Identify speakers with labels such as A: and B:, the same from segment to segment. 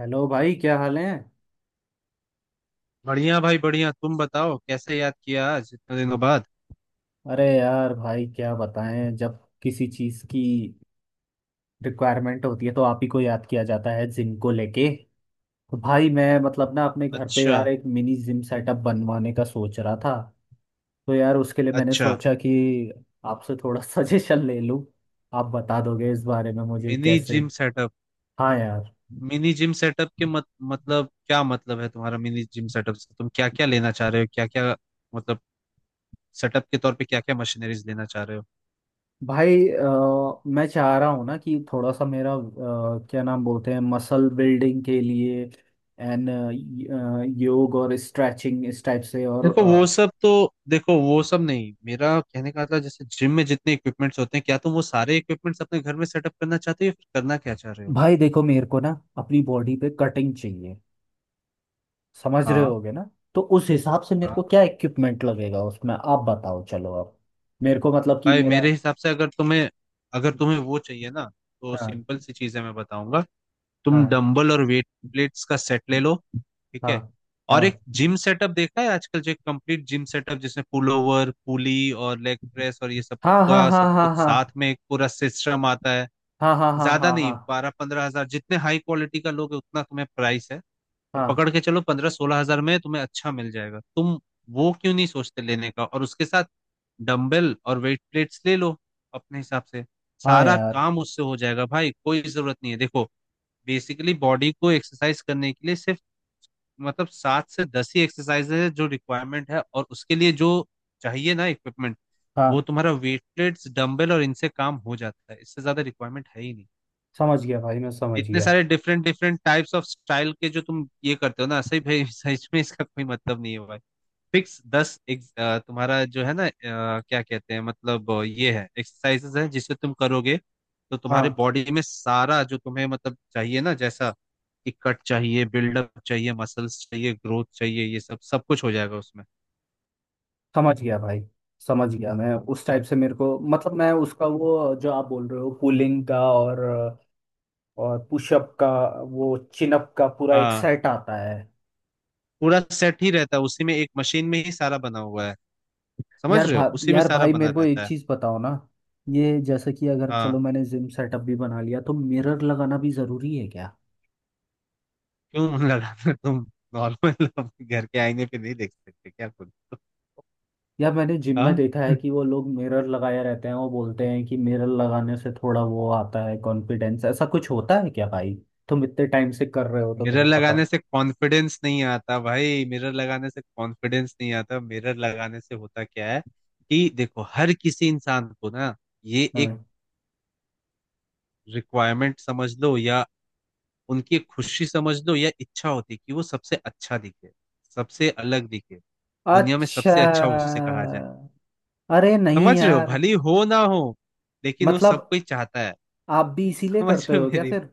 A: Hello भाई, क्या हाल है।
B: बढ़िया भाई बढ़िया। तुम बताओ कैसे याद किया आज इतने दिनों बाद।
A: अरे यार भाई, क्या बताएं, जब किसी चीज़ की रिक्वायरमेंट होती है तो आप ही को याद किया जाता है, जिम को लेके। तो भाई मैं, मतलब ना, अपने घर पे
B: अच्छा।
A: यार एक मिनी जिम सेटअप बनवाने का सोच रहा था। तो यार उसके लिए मैंने
B: अच्छा।
A: सोचा कि आपसे थोड़ा सजेशन ले लूं। आप बता दोगे इस बारे में मुझे,
B: मिनी
A: कैसे?
B: Gym setup?
A: हाँ यार।
B: मिनी जिम सेटअप के मत, मतलब क्या मतलब है तुम्हारा? मिनी जिम सेटअप से तुम क्या क्या लेना चाह रहे हो? क्या क्या मतलब, सेटअप के तौर पे क्या क्या मशीनरीज लेना चाह रहे हो?
A: भाई मैं चाह रहा हूँ ना कि थोड़ा सा मेरा क्या नाम बोलते हैं, मसल बिल्डिंग के लिए, एंड योग और स्ट्रेचिंग इस टाइप से। और
B: देखो वो सब तो, देखो वो सब नहीं। मेरा कहने का था, जैसे जिम में जितने इक्विपमेंट्स होते हैं क्या तुम वो सारे इक्विपमेंट्स अपने घर में सेटअप करना चाहते हो या फिर करना क्या चाह रहे हो?
A: भाई देखो, मेरे को ना, अपनी बॉडी पे कटिंग चाहिए। समझ रहे
B: हाँ।
A: होगे ना। तो उस हिसाब से मेरे को क्या इक्विपमेंट लगेगा उसमें, आप बताओ चलो अब। मेरे को मतलब कि
B: भाई
A: मेरा।
B: मेरे हिसाब से अगर तुम्हें, अगर तुम्हें वो चाहिए ना, तो
A: हाँ,
B: सिंपल सी चीजें मैं बताऊंगा। तुम
A: हाँ,
B: डंबल और वेट प्लेट्स का सेट ले लो। ठीक
A: हाँ,
B: है। और
A: हाँ,
B: एक जिम सेटअप देखा है आजकल, जो एक कंप्लीट जिम सेटअप जिसमें पुल ओवर पुली और लेग प्रेस और ये सब
A: हाँ, हाँ,
B: का
A: हाँ,
B: सब
A: हाँ,
B: कुछ
A: हाँ,
B: साथ में एक पूरा सिस्टम आता है।
A: हाँ, हाँ, हाँ,
B: ज्यादा
A: हाँ,
B: नहीं
A: हाँ,
B: 12-15 हजार, जितने हाई क्वालिटी का लोगे उतना तुम्हें प्राइस है। और
A: हाँ,
B: पकड़ के चलो 15-16 हजार में तुम्हें अच्छा मिल जाएगा। तुम वो क्यों नहीं सोचते लेने का? और उसके साथ डंबल और वेट प्लेट्स ले लो अपने हिसाब से।
A: हाँ
B: सारा
A: यार,
B: काम उससे हो जाएगा भाई, कोई जरूरत नहीं है। देखो, बेसिकली बॉडी को एक्सरसाइज करने के लिए सिर्फ मतलब 7 से 10 ही एक्सरसाइज है जो रिक्वायरमेंट है, और उसके लिए जो चाहिए ना इक्विपमेंट, वो
A: हाँ।
B: तुम्हारा वेट प्लेट्स डंबल और इनसे काम हो जाता है। इससे ज्यादा रिक्वायरमेंट है ही नहीं।
A: समझ गया भाई, मैं समझ
B: इतने
A: गया।
B: सारे different different types of style के जो तुम ये करते हो ना, सही भाई सच में इसका कोई मतलब नहीं है भाई। फिक्स दस एक, तुम्हारा जो है ना, क्या कहते हैं मतलब ये है, एक्सरसाइजेस है जिसे तुम करोगे तो तुम्हारे
A: हाँ।
B: बॉडी में सारा जो तुम्हें मतलब चाहिए ना, जैसा कि कट चाहिए बिल्डअप चाहिए मसल्स चाहिए ग्रोथ चाहिए, ये सब सब कुछ हो जाएगा उसमें।
A: समझ गया भाई, समझ गया। मैं उस टाइप से, मेरे को मतलब, मैं उसका वो जो आप बोल रहे हो, पुलिंग का और पुशअप का, वो चिनअप का पूरा एक
B: हाँ।
A: सेट आता है।
B: पूरा सेट ही रहता है उसी में, एक मशीन में ही सारा बना हुआ है। समझ रहे हो, उसी में
A: यार
B: सारा
A: भाई
B: बना
A: मेरे को एक
B: रहता है।
A: चीज़ बताओ ना। ये जैसे कि अगर, चलो,
B: हाँ।
A: मैंने जिम सेटअप भी बना लिया तो मिरर लगाना भी ज़रूरी है क्या?
B: क्यों, मन लगा था तुम? नॉर्मल घर के आईने पे नहीं देख सकते क्या खुद को?
A: यार मैंने जिम में
B: हाँ।
A: देखा है कि वो लोग मिरर लगाए रहते हैं, वो बोलते हैं कि मिरर लगाने से थोड़ा वो आता है कॉन्फिडेंस, ऐसा कुछ होता है क्या भाई? तुम इतने टाइम से कर रहे हो तो
B: मिरर
A: तुम्हें पता।
B: लगाने से कॉन्फिडेंस नहीं आता भाई, मिरर लगाने से कॉन्फिडेंस नहीं आता। मिरर लगाने से होता क्या है कि देखो हर किसी इंसान को ना, ये एक
A: हाँ।
B: रिक्वायरमेंट समझ लो, या उनकी एक खुशी समझ लो, या इच्छा होती है कि वो सबसे अच्छा दिखे, सबसे अलग दिखे, दुनिया में
A: अच्छा।
B: सबसे अच्छा उससे कहा जाए।
A: अरे नहीं
B: समझ रहे हो,
A: यार।
B: भली हो ना हो, लेकिन वो सब
A: मतलब
B: कोई चाहता है।
A: आप भी इसीलिए
B: समझ
A: करते
B: रहे हो
A: हो क्या
B: मेरी।
A: फिर?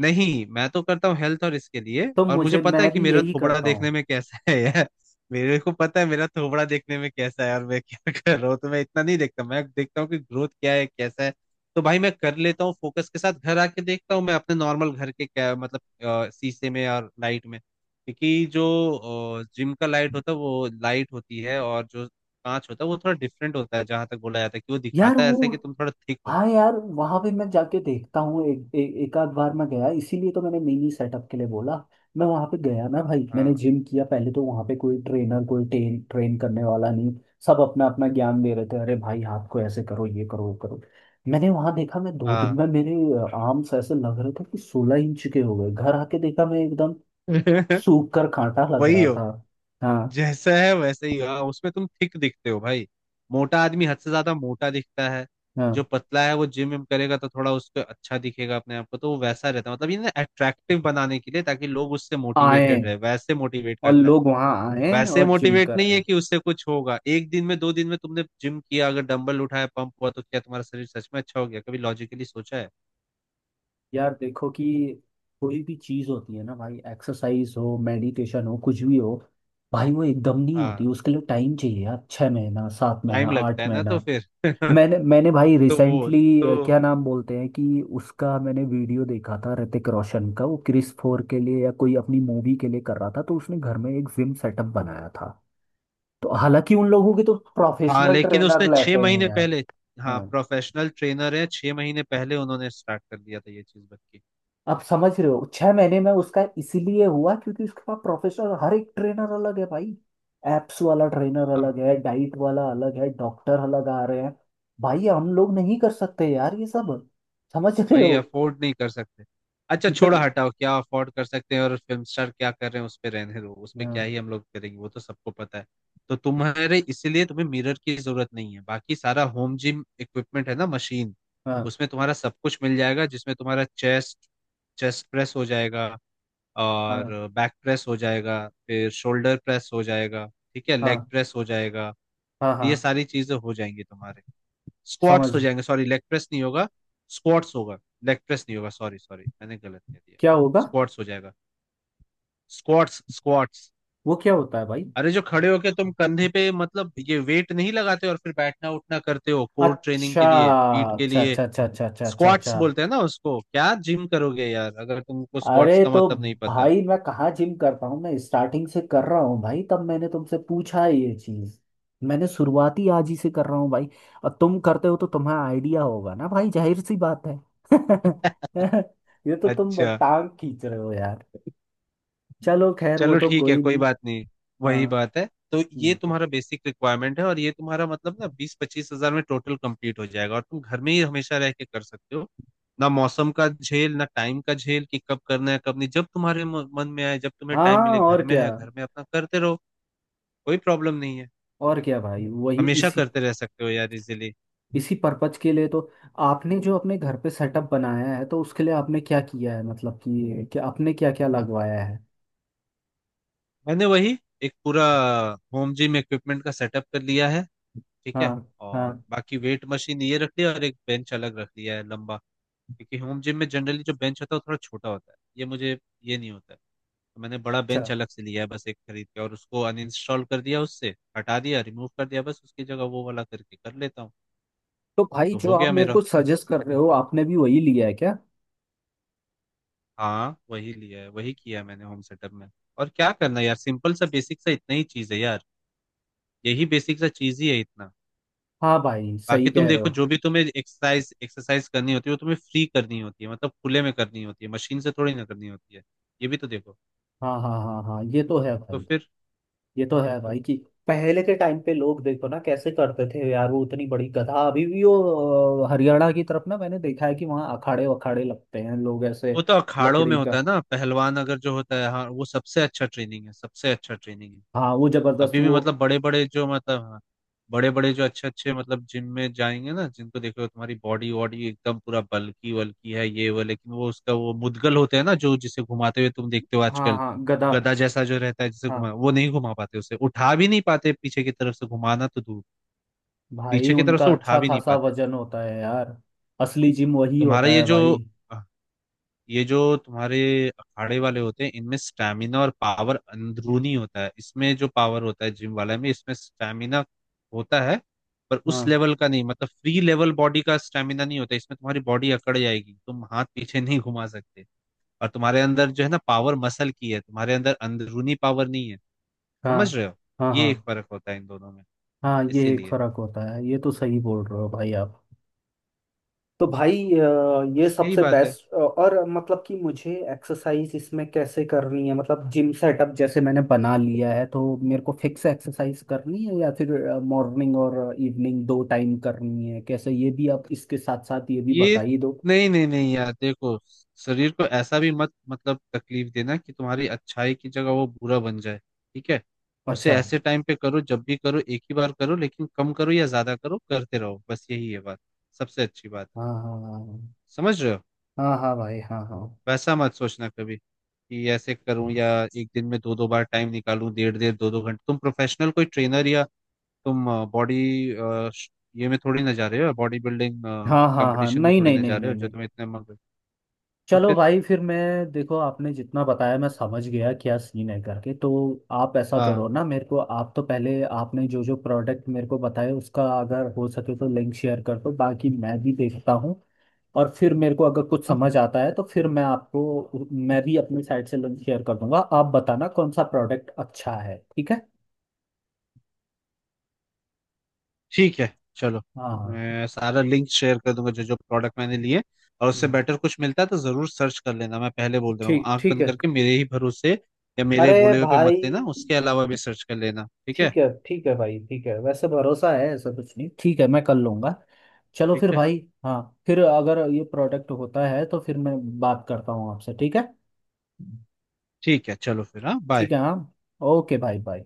B: नहीं, मैं तो करता हूँ हेल्थ और इसके लिए,
A: तो
B: और मुझे
A: मुझे,
B: पता है
A: मैं
B: कि
A: भी
B: मेरा
A: यही
B: थोबड़ा
A: करता हूँ।
B: देखने में कैसा है यार। मेरे को पता है मेरा थोबड़ा देखने में कैसा है और मैं क्या कर रहा हूँ, तो मैं इतना नहीं देखता। मैं देखता हूँ कि ग्रोथ क्या है कैसा है। तो भाई मैं कर लेता हूँ फोकस के साथ। घर आके देखता हूँ मैं अपने नॉर्मल घर के, क्या मतलब, शीशे में और लाइट में, क्योंकि जो जिम का लाइट होता है वो लाइट होती है, और जो कांच होता है वो थोड़ा डिफरेंट होता है। जहां तक बोला जाता है कि वो
A: यार
B: दिखाता है ऐसा
A: वो।
B: कि तुम थोड़ा थिक हो।
A: हाँ यार, वहां पे मैं जाके देखता हूँ। एक एक, एक आध बार मैं गया, इसीलिए तो मैंने मिनी सेटअप के लिए बोला। मैं वहां पे गया ना भाई, मैंने
B: हाँ।
A: जिम किया पहले तो वहां पे कोई ट्रेनर, कोई ट्रेन ट्रेन करने वाला नहीं। सब अपना अपना ज्ञान दे रहे थे, अरे भाई हाथ को ऐसे करो, ये करो, वो करो। मैंने वहां देखा, मैं 2 दिन
B: हाँ।
A: में, मेरे आर्म्स ऐसे लग रहे थे कि 16 इंच के हो गए। घर आके देखा, मैं एकदम सूख कर कांटा लग
B: वही
A: रहा
B: हो
A: था। हाँ
B: जैसा है वैसे ही। हाँ, उसमें तुम थिक दिखते हो भाई। मोटा आदमी हद से ज्यादा मोटा दिखता है। जो
A: हाँ।
B: पतला है वो जिम विम करेगा तो थोड़ा उसको अच्छा दिखेगा अपने आप को, तो वो वैसा रहता है। मतलब ये ना अट्रैक्टिव बनाने के लिए, ताकि लोग उससे
A: आए,
B: मोटिवेटेड रहे, वैसे मोटिवेट
A: और
B: करता है।
A: लोग वहां आए,
B: वैसे
A: और जिम
B: मोटिवेट
A: कर
B: नहीं है
A: आए।
B: कि उससे कुछ होगा एक दिन में दो दिन में। तुमने जिम किया, अगर डंबल उठाया, पंप हुआ, तो क्या तुम्हारा शरीर सच में अच्छा हो गया? कभी लॉजिकली सोचा है?
A: यार देखो कि कोई भी चीज होती है ना भाई, एक्सरसाइज हो, मेडिटेशन हो, कुछ भी हो। भाई वो एकदम नहीं होती,
B: हाँ,
A: उसके लिए टाइम चाहिए यार, 6 महीना, 7 महीना,
B: टाइम लगता
A: आठ
B: है ना तो
A: महीना
B: फिर
A: मैंने मैंने भाई
B: तो वो तो,
A: रिसेंटली, क्या नाम बोलते हैं कि उसका, मैंने वीडियो देखा था ऋतिक रोशन का, वो क्रिस 4 के लिए या कोई अपनी मूवी के लिए कर रहा था, तो उसने घर में एक जिम सेटअप बनाया था। तो हालांकि उन लोगों के तो
B: हाँ
A: प्रोफेशनल
B: लेकिन
A: ट्रेनर
B: उसने
A: लेते
B: छह
A: हैं
B: महीने
A: यार।
B: पहले, हाँ
A: हाँ।
B: प्रोफेशनल ट्रेनर है, 6 महीने पहले उन्होंने स्टार्ट कर दिया था ये चीज बच्ची।
A: आप समझ रहे हो, 6 महीने में उसका इसीलिए हुआ क्योंकि उसके पास प्रोफेशनल, हर एक ट्रेनर अलग है भाई। एप्स वाला ट्रेनर अलग
B: हाँ
A: है, डाइट वाला अलग है, डॉक्टर अलग आ रहे हैं। भाई हम लोग नहीं कर सकते यार ये सब। समझ रहे
B: वही
A: हो।
B: अफोर्ड नहीं कर सकते। अच्छा छोड़ो
A: इधर।
B: हटाओ, क्या अफोर्ड कर सकते हैं और फिल्म स्टार क्या कर रहे हैं उस पे रहने दो। उस पे क्या
A: हाँ,
B: ही हम लोग करेंगे, वो तो सबको पता है। तो तुम्हारे इसीलिए तुम्हें मिरर की जरूरत नहीं है। बाकी सारा होम जिम इक्विपमेंट है ना मशीन,
A: हाँ,
B: उसमें तुम्हारा सब कुछ मिल जाएगा, जिसमें तुम्हारा चेस्ट, चेस्ट प्रेस हो जाएगा, और
A: हाँ,
B: बैक प्रेस हो जाएगा, फिर शोल्डर प्रेस हो जाएगा, ठीक है, लेग
A: हाँ,
B: प्रेस हो जाएगा।
A: हाँ,
B: तो
A: हाँ।
B: ये सारी चीजें हो जाएंगी तुम्हारे। स्क्वाट्स
A: समझ।
B: हो जाएंगे, सॉरी लेग प्रेस नहीं होगा, स्क्वाट्स होगा, लेग प्रेस नहीं होगा, सॉरी सॉरी मैंने गलत कह दिया।
A: क्या होगा?
B: स्क्वाट्स हो जाएगा। Squats, squats.
A: वो क्या होता है भाई?
B: अरे जो खड़े होके तुम कंधे पे मतलब ये वेट नहीं लगाते और फिर बैठना उठना करते हो, कोर ट्रेनिंग
A: अच्छा,
B: के लिए, पीठ के
A: अच्छा,
B: लिए,
A: अच्छा, अच्छा, अच्छा, अच्छा, अच्छा,
B: स्क्वाट्स
A: अच्छा।
B: बोलते हैं ना उसको। क्या जिम करोगे यार अगर तुमको
A: अरे
B: स्क्वाट्स का
A: तो।
B: मतलब नहीं पता!
A: भाई मैं कहाँ जिम करता हूँ, मैं स्टार्टिंग से कर रहा हूँ भाई, तब मैंने तुमसे पूछा है ये चीज। मैंने शुरुआती आज ही से कर रहा हूँ भाई। और तुम करते हो तो तुम्हें आइडिया होगा ना भाई, जाहिर सी बात है। ये तो तुम
B: अच्छा।
A: टांग खींच रहे हो यार। चलो खैर, वो
B: चलो
A: तो
B: ठीक है
A: कोई
B: कोई
A: नहीं।
B: बात नहीं,
A: हाँ।
B: वही बात है। तो ये
A: हम्म।
B: तुम्हारा बेसिक रिक्वायरमेंट है, और ये तुम्हारा मतलब ना 20-25 हजार में टोटल कंप्लीट हो जाएगा, और तुम घर में ही हमेशा रह के कर सकते हो। ना मौसम का झेल, ना टाइम का झेल कि कब करना है कब नहीं। जब तुम्हारे मन में आए, जब तुम्हें टाइम
A: हाँ,
B: मिले,
A: और
B: घर में
A: क्या।
B: है घर में, अपना करते रहो। कोई प्रॉब्लम नहीं है।
A: और क्या भाई, वही
B: हमेशा
A: इसी
B: करते रह सकते हो यार इजीली।
A: इसी पर्पज के लिए तो आपने जो अपने घर पे सेटअप बनाया है तो उसके लिए आपने क्या किया है, मतलब कि क्या आपने क्या क्या लगवाया है?
B: मैंने वही एक पूरा होम जिम इक्विपमेंट का सेटअप कर लिया है। ठीक
A: हाँ।
B: है। और
A: हाँ।
B: बाकी वेट मशीन ये रख लिया, और एक बेंच अलग रख लिया है लंबा, क्योंकि होम जिम में जनरली जो बेंच होता है वो थोड़ा छोटा होता है, ये मुझे ये नहीं होता है। तो मैंने बड़ा
A: अच्छा।
B: बेंच अलग से लिया है बस एक खरीद के, और उसको अनइंस्टॉल कर दिया, उससे हटा दिया, रिमूव कर दिया, बस उसकी जगह वो वाला करके कर लेता हूँ।
A: तो भाई
B: तो
A: जो
B: हो
A: आप
B: गया
A: मेरे को
B: मेरा।
A: सजेस्ट कर रहे हो, आपने भी वही लिया है क्या?
B: हाँ वही लिया है, वही किया है मैंने होम सेटअप में। और क्या करना यार, सिंपल सा बेसिक सा इतना ही चीज है यार। यही बेसिक सा चीज ही है इतना।
A: हाँ भाई सही
B: बाकी तुम
A: कह रहे
B: देखो
A: हो।
B: जो भी तुम्हें एक्सरसाइज एक्सरसाइज करनी होती है वो तुम्हें फ्री करनी होती है, मतलब खुले में करनी होती है, मशीन से थोड़ी ना करनी होती है। ये भी तो देखो।
A: हाँ, हाँ, हाँ, हाँ, ये तो है
B: तो
A: भाई।
B: फिर,
A: ये तो है भाई कि पहले के टाइम पे लोग देखो ना कैसे करते थे यार, वो उतनी बड़ी गधा। अभी भी वो हरियाणा की तरफ ना, मैंने देखा है कि वहाँ अखाड़े वखाड़े लगते हैं लोग ऐसे।
B: वो तो अखाड़ों में
A: लकड़ी
B: होता
A: का।
B: है ना, पहलवान अगर जो होता है, हाँ वो सबसे अच्छा ट्रेनिंग है, सबसे अच्छा ट्रेनिंग है।
A: हाँ वो जबरदस्त
B: अभी भी
A: वो।
B: मतलब बड़े बड़े जो मतलब, हाँ बड़े बड़े जो अच्छे अच्छे मतलब जिम में जाएंगे ना, जिनको देखो तुम्हारी बॉडी वॉडी एकदम पूरा बल्की वल्की है ये वो, लेकिन वो उसका वो मुद्गल होते हैं ना, जो जिसे घुमाते हुए तुम देखते हो
A: हाँ,
B: आजकल,
A: हाँ गधा।
B: गधा जैसा जो रहता है, जिसे घुमा
A: हाँ।
B: वो नहीं घुमा पाते, उसे उठा भी नहीं पाते, पीछे की तरफ से घुमाना तो दूर,
A: भाई
B: पीछे की तरफ
A: उनका
B: से उठा
A: अच्छा
B: भी नहीं
A: खासा
B: पाते।
A: वजन होता है यार। असली जिम वही
B: तुम्हारा
A: होता
B: ये
A: है
B: जो,
A: भाई।
B: ये जो तुम्हारे अखाड़े वाले होते हैं, इनमें स्टैमिना और पावर अंदरूनी होता है। इसमें जो पावर होता है जिम वाले में, इसमें स्टैमिना होता है, पर उस
A: हाँ,
B: लेवल का नहीं। मतलब फ्री लेवल बॉडी का स्टैमिना नहीं होता इसमें, तुम्हारी बॉडी अकड़ जाएगी, तुम हाथ पीछे नहीं घुमा सकते, और तुम्हारे अंदर जो है ना पावर मसल की है, तुम्हारे अंदर अंदरूनी पावर नहीं है।
A: हाँ,
B: समझ रहे हो,
A: हाँ, हाँ,
B: ये एक फर्क होता है इन दोनों में।
A: हाँ। ये एक
B: इसीलिए,
A: फर्क होता है, ये तो सही बोल रहे हो भाई आप। तो भाई ये
B: बस यही
A: सबसे
B: बात है।
A: बेस्ट, और मतलब कि मुझे एक्सरसाइज इसमें कैसे करनी है, मतलब जिम सेटअप जैसे मैंने बना लिया है तो मेरे को फिक्स एक्सरसाइज करनी है या फिर मॉर्निंग और इवनिंग 2 टाइम करनी है, कैसे? ये भी आप इसके साथ साथ ये भी बता
B: ये,
A: ही दो।
B: नहीं नहीं नहीं यार, देखो शरीर को ऐसा भी मत मतलब तकलीफ देना कि तुम्हारी अच्छाई की जगह वो बुरा बन जाए। ठीक है। उसे
A: अच्छा।
B: ऐसे टाइम पे करो जब भी करो, एक ही बार करो, लेकिन कम करो या ज्यादा करो करते रहो। बस यही है बात, सबसे अच्छी बात है।
A: हाँ, हाँ, हाँ।
B: समझ रहे हो,
A: हाँ, हाँ भाई, हाँ, हाँ।
B: वैसा मत सोचना कभी कि ऐसे करूं या एक दिन में दो दो बार टाइम निकालूं, डेढ़ डेढ़ दो दो घंटे। तुम प्रोफेशनल कोई ट्रेनर, या तुम बॉडी, ये में थोड़ी ना जा रहे हो, बॉडी बिल्डिंग
A: हाँ, हाँ, हाँ,
B: कंपटीशन में
A: नहीं,
B: थोड़ी
A: नहीं,
B: ना जा
A: नहीं,
B: रहे
A: नहीं,
B: हो, जो
A: नहीं।
B: तुम्हें इतने मग। तो
A: चलो
B: फिर,
A: भाई, फिर मैं। देखो आपने जितना बताया मैं समझ गया क्या सीन है करके, तो। आप ऐसा करो
B: हाँ।
A: ना, मेरे को आप तो पहले आपने जो जो प्रोडक्ट मेरे को बताए उसका अगर हो सके तो लिंक शेयर कर दो, बाकी मैं भी देखता हूँ। और फिर मेरे को अगर कुछ
B: हाँ,
A: समझ आता है तो फिर मैं आपको, मैं भी अपनी साइड से लिंक शेयर कर दूंगा, आप बताना कौन सा प्रोडक्ट अच्छा है, ठीक है?
B: ठीक है चलो।
A: हाँ।
B: मैं सारा लिंक शेयर कर दूंगा जो जो प्रोडक्ट मैंने लिए, और उससे
A: हम्म,
B: बेटर कुछ मिलता है तो जरूर सर्च कर लेना। मैं पहले बोल रहा हूँ,
A: ठीक,
B: आंख
A: ठीक
B: बंद
A: है।
B: करके मेरे ही भरोसे या मेरे
A: अरे
B: बोले हुए पे मत
A: भाई।
B: लेना, उसके अलावा भी सर्च कर लेना। ठीक है।
A: ठीक है, ठीक है भाई, ठीक है, वैसे भरोसा है ऐसा कुछ नहीं, ठीक है, मैं कर लूंगा। चलो फिर
B: ठीक है।
A: भाई। हाँ। फिर अगर ये प्रोडक्ट होता है तो फिर मैं बात करता हूँ आपसे, ठीक है?
B: ठीक है चलो फिर, हाँ बाय।
A: ठीक है, हाँ। ओके भाई, बाय।